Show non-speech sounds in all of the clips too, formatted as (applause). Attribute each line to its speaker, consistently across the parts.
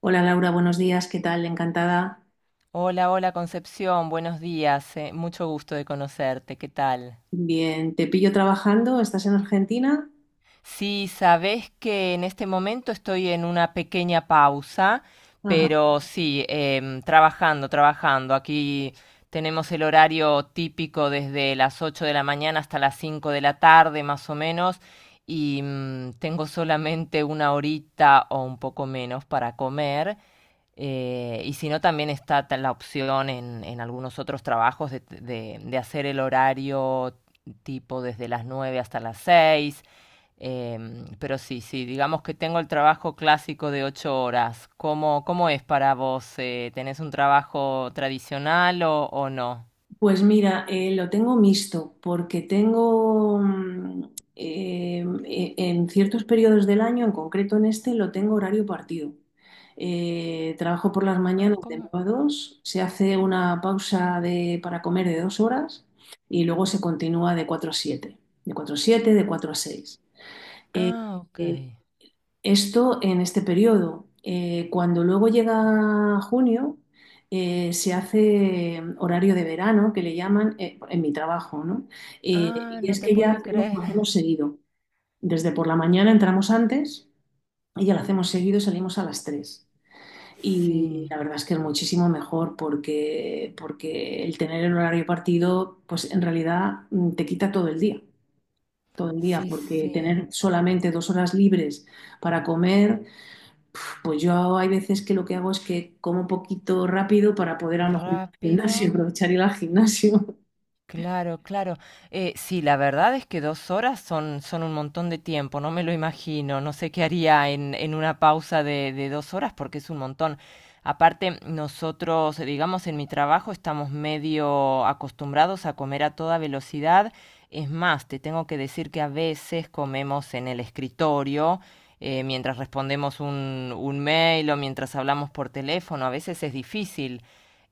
Speaker 1: Hola Laura, buenos días, ¿qué tal? Encantada.
Speaker 2: Hola, hola Concepción, buenos días, mucho gusto de conocerte, ¿qué tal?
Speaker 1: Bien, te pillo trabajando, ¿estás en Argentina?
Speaker 2: Sí, sabes que en este momento estoy en una pequeña pausa,
Speaker 1: Ajá.
Speaker 2: pero sí, trabajando, trabajando. Aquí tenemos el horario típico desde las 8 de la mañana hasta las 5 de la tarde, más o menos, y tengo solamente una horita o un poco menos para comer. Y si no, también está la opción en algunos otros trabajos de hacer el horario tipo desde las 9 hasta las 6. Pero sí, sí, digamos que tengo el trabajo clásico de 8 horas. ¿Cómo, cómo es para vos? ¿Tenés un trabajo tradicional o no?
Speaker 1: Pues mira, lo tengo mixto porque tengo en ciertos periodos del año, en concreto en este, lo tengo horario partido. Trabajo por las
Speaker 2: Ah,
Speaker 1: mañanas de
Speaker 2: ¿cómo?
Speaker 1: 9 a 2. Se hace una pausa para comer de 2 horas y luego se continúa de 4 a 7. De 4 a 7, de 4 a 6. Eh,
Speaker 2: Ah, ok.
Speaker 1: eh, Esto en este periodo. Cuando luego llega junio, se hace horario de verano, que le llaman, en mi trabajo, ¿no? Eh,
Speaker 2: Ah,
Speaker 1: y
Speaker 2: no
Speaker 1: es
Speaker 2: te
Speaker 1: que ya
Speaker 2: puedo
Speaker 1: hacemos, lo
Speaker 2: creer.
Speaker 1: hacemos
Speaker 2: (laughs)
Speaker 1: seguido. Desde por la mañana entramos antes y ya lo hacemos seguido y salimos a las tres. Y
Speaker 2: Sí,
Speaker 1: la verdad es que es muchísimo mejor porque el tener el horario partido, pues en realidad, te quita todo el día,
Speaker 2: sí,
Speaker 1: porque
Speaker 2: sí.
Speaker 1: tener solamente 2 horas libres para comer, pues yo hay veces que lo que hago es que como poquito rápido para poder, a lo mejor, ir al
Speaker 2: Rápido.
Speaker 1: gimnasio, (laughs) aprovechar ir al gimnasio.
Speaker 2: Claro, claro. Sí, la verdad es que 2 horas son, son un montón de tiempo, no me lo imagino, no sé qué haría en una pausa de 2 horas porque es un montón. Aparte, nosotros, digamos, en mi trabajo estamos medio acostumbrados a comer a toda velocidad. Es más, te tengo que decir que a veces comemos en el escritorio, mientras respondemos un mail o mientras hablamos por teléfono. A veces es difícil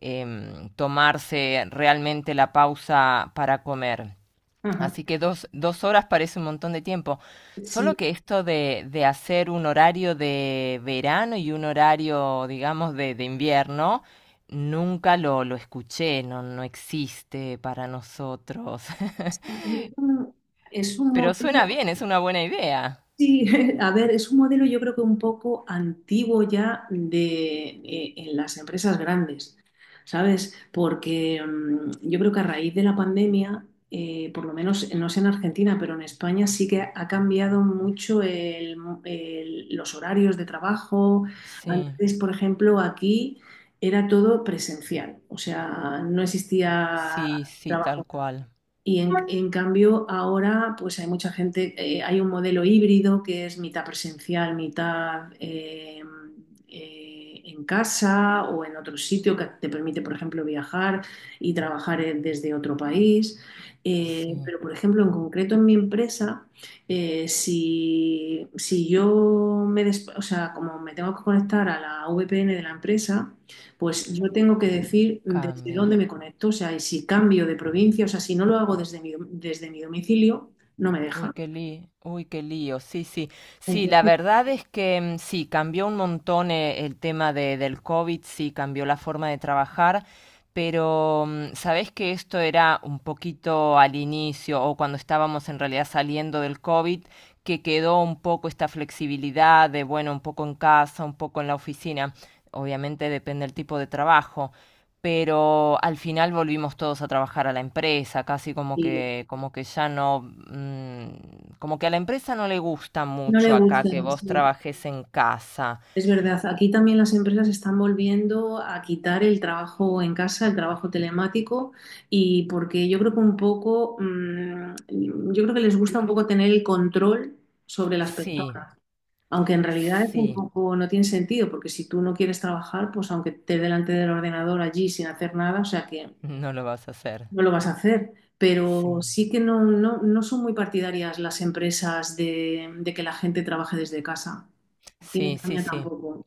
Speaker 2: tomarse realmente la pausa para comer.
Speaker 1: (laughs) Ajá.
Speaker 2: Así que 2, 2 horas parece un montón de tiempo. Solo
Speaker 1: Sí,
Speaker 2: que esto de hacer un horario de verano y un horario, digamos, de invierno, nunca lo escuché, no, no existe para nosotros. (laughs)
Speaker 1: es un, es un
Speaker 2: Pero suena
Speaker 1: modelo,
Speaker 2: bien, es una buena idea.
Speaker 1: sí, (laughs) a ver, es un modelo, yo creo que un poco antiguo ya de, en las empresas grandes, ¿sabes? Porque, yo creo que a raíz de la pandemia, por lo menos no sé en Argentina, pero en España sí que ha cambiado mucho los horarios de trabajo.
Speaker 2: Sí,
Speaker 1: Antes, por ejemplo, aquí era todo presencial, o sea, no existía
Speaker 2: sí, sí,
Speaker 1: trabajo.
Speaker 2: tal cual.
Speaker 1: Y en cambio ahora, pues hay mucha gente, hay un modelo híbrido que es mitad presencial, mitad, en casa o en otro sitio, que te permite, por ejemplo, viajar y trabajar desde otro país.
Speaker 2: Sí,
Speaker 1: Pero, por ejemplo, en concreto en mi empresa, si, si yo me, des- o sea, como me tengo que conectar a la VPN de la empresa, pues yo tengo que decir desde
Speaker 2: cambia.
Speaker 1: dónde me conecto, o sea, y si cambio de provincia, o sea, si no lo hago desde desde mi domicilio, no me deja.
Speaker 2: Uy, qué lío, sí, sí, sí, la
Speaker 1: Entonces,
Speaker 2: verdad es que sí, cambió un montón el tema de, del COVID, sí, cambió la forma de trabajar, pero sabés que esto era un poquito al inicio o cuando estábamos en realidad saliendo del COVID, que quedó un poco esta flexibilidad de, bueno, un poco en casa, un poco en la oficina, obviamente depende del tipo de trabajo, pero al final volvimos todos a trabajar a la empresa, casi
Speaker 1: sí,
Speaker 2: como que ya no, como que a la empresa no le gusta
Speaker 1: no le
Speaker 2: mucho acá
Speaker 1: gusta,
Speaker 2: que vos
Speaker 1: sí,
Speaker 2: trabajes en casa.
Speaker 1: es verdad. Aquí también las empresas están volviendo a quitar el trabajo en casa, el trabajo telemático, y porque yo creo que un poco, yo creo que les gusta un poco tener el control sobre las
Speaker 2: Sí,
Speaker 1: personas. Aunque en realidad es un
Speaker 2: sí,
Speaker 1: poco, no tiene sentido, porque si tú no quieres trabajar, pues aunque estés delante del ordenador allí sin hacer nada, o sea que
Speaker 2: no lo vas a hacer.
Speaker 1: no lo vas a hacer.
Speaker 2: Sí,
Speaker 1: Pero sí que no son muy partidarias las empresas de que la gente trabaje desde casa. Aquí en
Speaker 2: sí, sí,
Speaker 1: España
Speaker 2: sí.
Speaker 1: tampoco.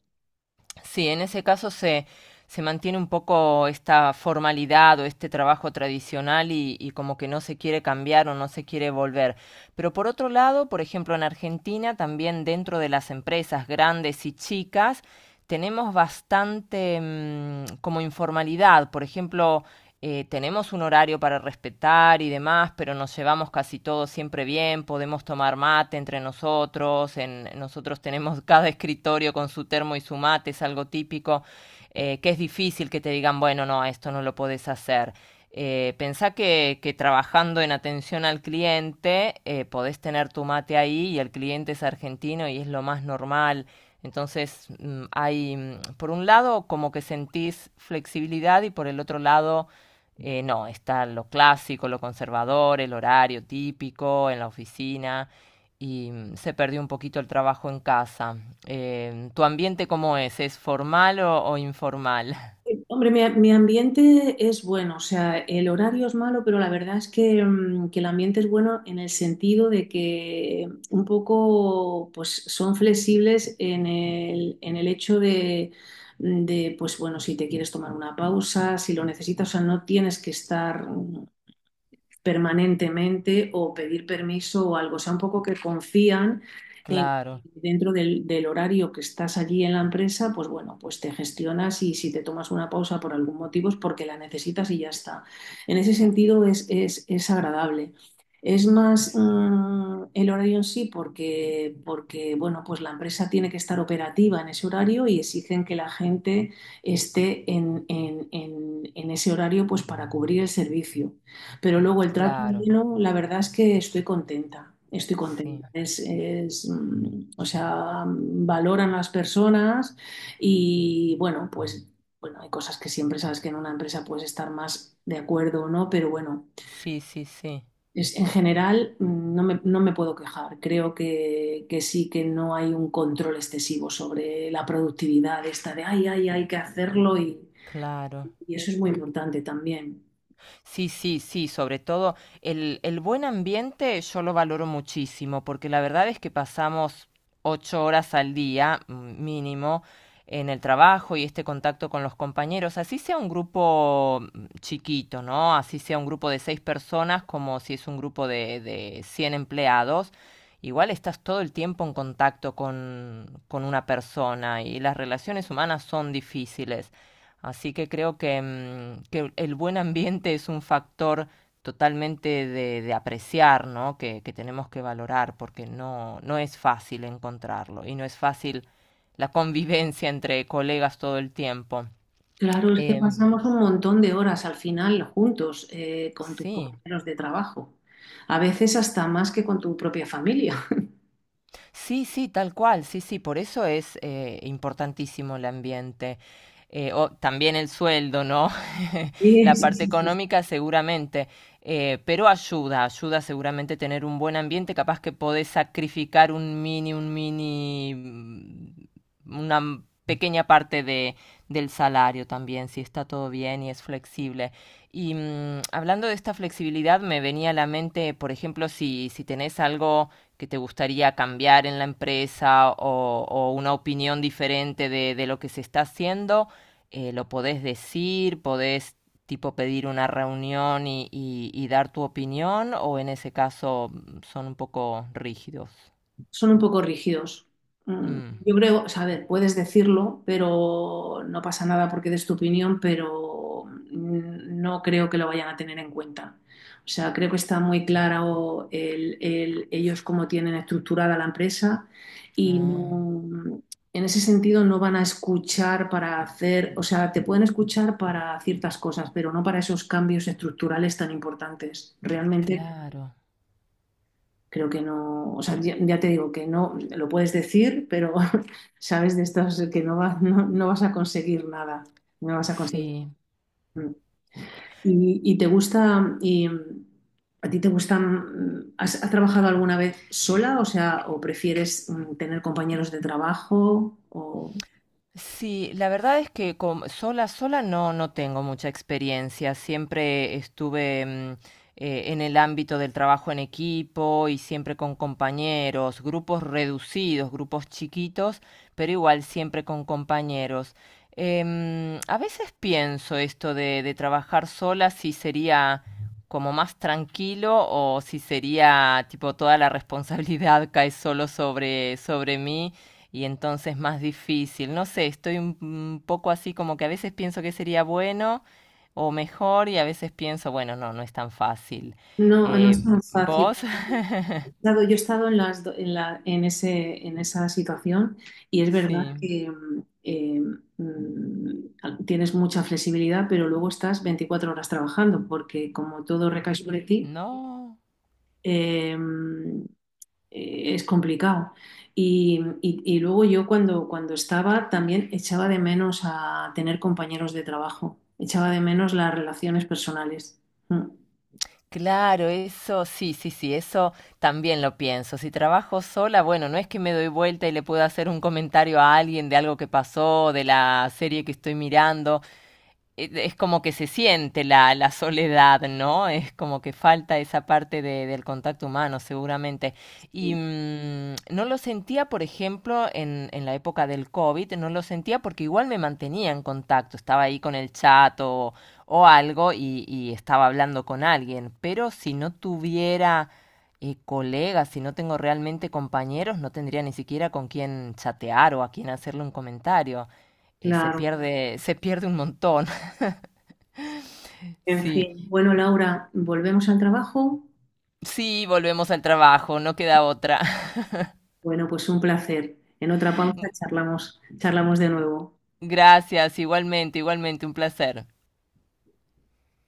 Speaker 2: Sí, en ese caso se mantiene un poco esta formalidad o este trabajo tradicional y como que no se quiere cambiar o no se quiere volver. Pero por otro lado, por ejemplo, en Argentina, también dentro de las empresas grandes y chicas, tenemos bastante como informalidad. Por ejemplo, tenemos un horario para respetar y demás, pero nos llevamos casi todos siempre bien, podemos tomar mate entre nosotros, nosotros tenemos (laughs) cada escritorio con su termo y su mate, es algo típico, que es difícil que te digan, bueno, no, esto no lo podés hacer. Pensá que trabajando en atención al cliente podés tener tu mate ahí y el cliente es argentino y es lo más normal. Entonces por un lado, como que sentís flexibilidad y por el otro lado, no, está lo clásico, lo conservador, el horario típico en la oficina y se perdió un poquito el trabajo en casa. ¿Tu ambiente cómo es? ¿Es formal o informal? (laughs)
Speaker 1: Hombre, mi ambiente es bueno, o sea, el horario es malo, pero la verdad es que, que el ambiente es bueno, en el sentido de que un poco, pues, son flexibles en el hecho de, pues bueno, si te quieres tomar una pausa, si lo necesitas, o sea, no tienes que estar permanentemente o pedir permiso o algo. O sea, un poco que confían en,
Speaker 2: Claro,
Speaker 1: dentro del horario que estás allí en la empresa, pues bueno, pues te gestionas, y si te tomas una pausa por algún motivo es porque la necesitas y ya está. En ese sentido es, es agradable. Es más, el horario en sí, porque, bueno, pues la empresa tiene que estar operativa en ese horario y exigen que la gente esté en ese horario, pues, para cubrir el servicio. Pero luego el trato
Speaker 2: claro,
Speaker 1: humano, la verdad es que estoy contenta, estoy
Speaker 2: sí,
Speaker 1: contenta. O sea, valoran las personas, y bueno, pues bueno, hay cosas que siempre sabes que en una empresa puedes estar más de acuerdo o no, pero bueno,
Speaker 2: sí, sí, sí,
Speaker 1: es, en general, no me puedo quejar. Creo que sí, que no hay un control excesivo sobre la productividad esta de, ay, ay, hay que hacerlo, y,
Speaker 2: claro.
Speaker 1: y eso es muy importante también.
Speaker 2: Sí, sí, sí, sobre todo el buen ambiente yo lo valoro muchísimo, porque la verdad es que pasamos 8 horas al día mínimo en el trabajo y este contacto con los compañeros, así sea un grupo chiquito, ¿no? Así sea un grupo de 6 personas, como si es un grupo de 100 empleados, igual estás todo el tiempo en contacto con una persona y las relaciones humanas son difíciles. Así que creo que, que el buen ambiente es un factor totalmente de apreciar, ¿no? Que tenemos que valorar porque no, no es fácil encontrarlo y no es fácil la convivencia entre colegas todo el tiempo.
Speaker 1: Claro, es que
Speaker 2: Em,
Speaker 1: pasamos un montón de horas al final juntos, con tus
Speaker 2: sí.
Speaker 1: compañeros de trabajo, a veces hasta más que con tu propia familia. (laughs)
Speaker 2: Sí, sí, tal cual, sí, sí, por eso es importantísimo el ambiente. O también el sueldo, ¿no? (laughs)
Speaker 1: Sí,
Speaker 2: La
Speaker 1: sí,
Speaker 2: parte Sí,
Speaker 1: sí, sí.
Speaker 2: económica seguramente, pero ayuda, ayuda seguramente tener un buen ambiente, capaz que podés sacrificar un mini, una pequeña parte de, del salario también, si está todo bien y es flexible. Y hablando de esta flexibilidad, me venía a la mente, por ejemplo, si, si tenés algo que te gustaría cambiar en la empresa o una opinión diferente de lo que se está haciendo, lo podés decir, podés tipo pedir una reunión y dar tu opinión o en ese caso son un poco rígidos.
Speaker 1: Son un poco rígidos.
Speaker 2: Mm.
Speaker 1: Yo creo, o sea, a ver, puedes decirlo, pero no pasa nada porque des tu opinión, pero, no creo que lo vayan a tener en cuenta. O sea, creo que está muy claro ellos cómo tienen estructurada la empresa, y
Speaker 2: Ah,
Speaker 1: en ese sentido no van a escuchar para hacer, o sea, te pueden escuchar para ciertas cosas, pero no para esos cambios estructurales tan importantes. Realmente
Speaker 2: claro.
Speaker 1: creo que no, o sea, ya, ya te digo que no, lo puedes decir, pero (laughs) sabes de estos que no, no vas a conseguir nada, no vas a conseguir.
Speaker 2: Sí.
Speaker 1: ¿Y te gusta, y, a ti te gustan, has trabajado alguna vez sola, o sea, o prefieres tener compañeros de trabajo, o
Speaker 2: Sí, la verdad es que sola, sola no, no tengo mucha experiencia. Siempre estuve en el ámbito del trabajo en equipo y siempre con compañeros, grupos reducidos, grupos chiquitos, pero igual siempre con compañeros. A veces pienso esto de trabajar sola, si sería como más tranquilo o si sería tipo toda la responsabilidad (laughs) cae solo sobre, sobre mí y entonces más difícil. No sé, estoy un poco así como que a veces pienso que sería bueno o mejor y a veces pienso, bueno, no, no es tan fácil.
Speaker 1: no es tan fácil?
Speaker 2: ¿Vos? (laughs)
Speaker 1: Dado, yo he estado en, las do- en, la- en ese, en esa situación, y es verdad
Speaker 2: Sí,
Speaker 1: que, tienes mucha flexibilidad, pero luego estás 24 horas trabajando porque como todo recae sobre ti,
Speaker 2: no.
Speaker 1: eh, es complicado. Y luego yo, cuando, estaba, también echaba de menos a tener compañeros de trabajo, echaba de menos las relaciones personales. Mm.
Speaker 2: Claro, eso, sí, sí, sí, eso también lo pienso. Si trabajo sola, bueno, no es que me doy vuelta y le puedo hacer un comentario a alguien de algo que pasó, de la serie que estoy mirando. Es como que se siente la soledad, ¿no? Es como que falta esa parte de- del contacto humano, seguramente. Y no lo sentía, por ejemplo, en la época del COVID, no lo sentía porque igual me mantenía en contacto, estaba ahí con el chat o algo y estaba hablando con alguien, pero si no tuviera... colegas, si no tengo realmente compañeros, no tendría ni siquiera con quién chatear o a quién hacerle un comentario. Se
Speaker 1: Claro.
Speaker 2: pierde, se pierde un montón. (laughs)
Speaker 1: En
Speaker 2: Sí,
Speaker 1: fin. Bueno, Laura, volvemos al trabajo.
Speaker 2: sí, volvemos al trabajo, no queda otra. (laughs)
Speaker 1: Bueno, pues un placer. En otra pausa charlamos, charlamos de nuevo.
Speaker 2: Gracias, igualmente, igualmente, un placer.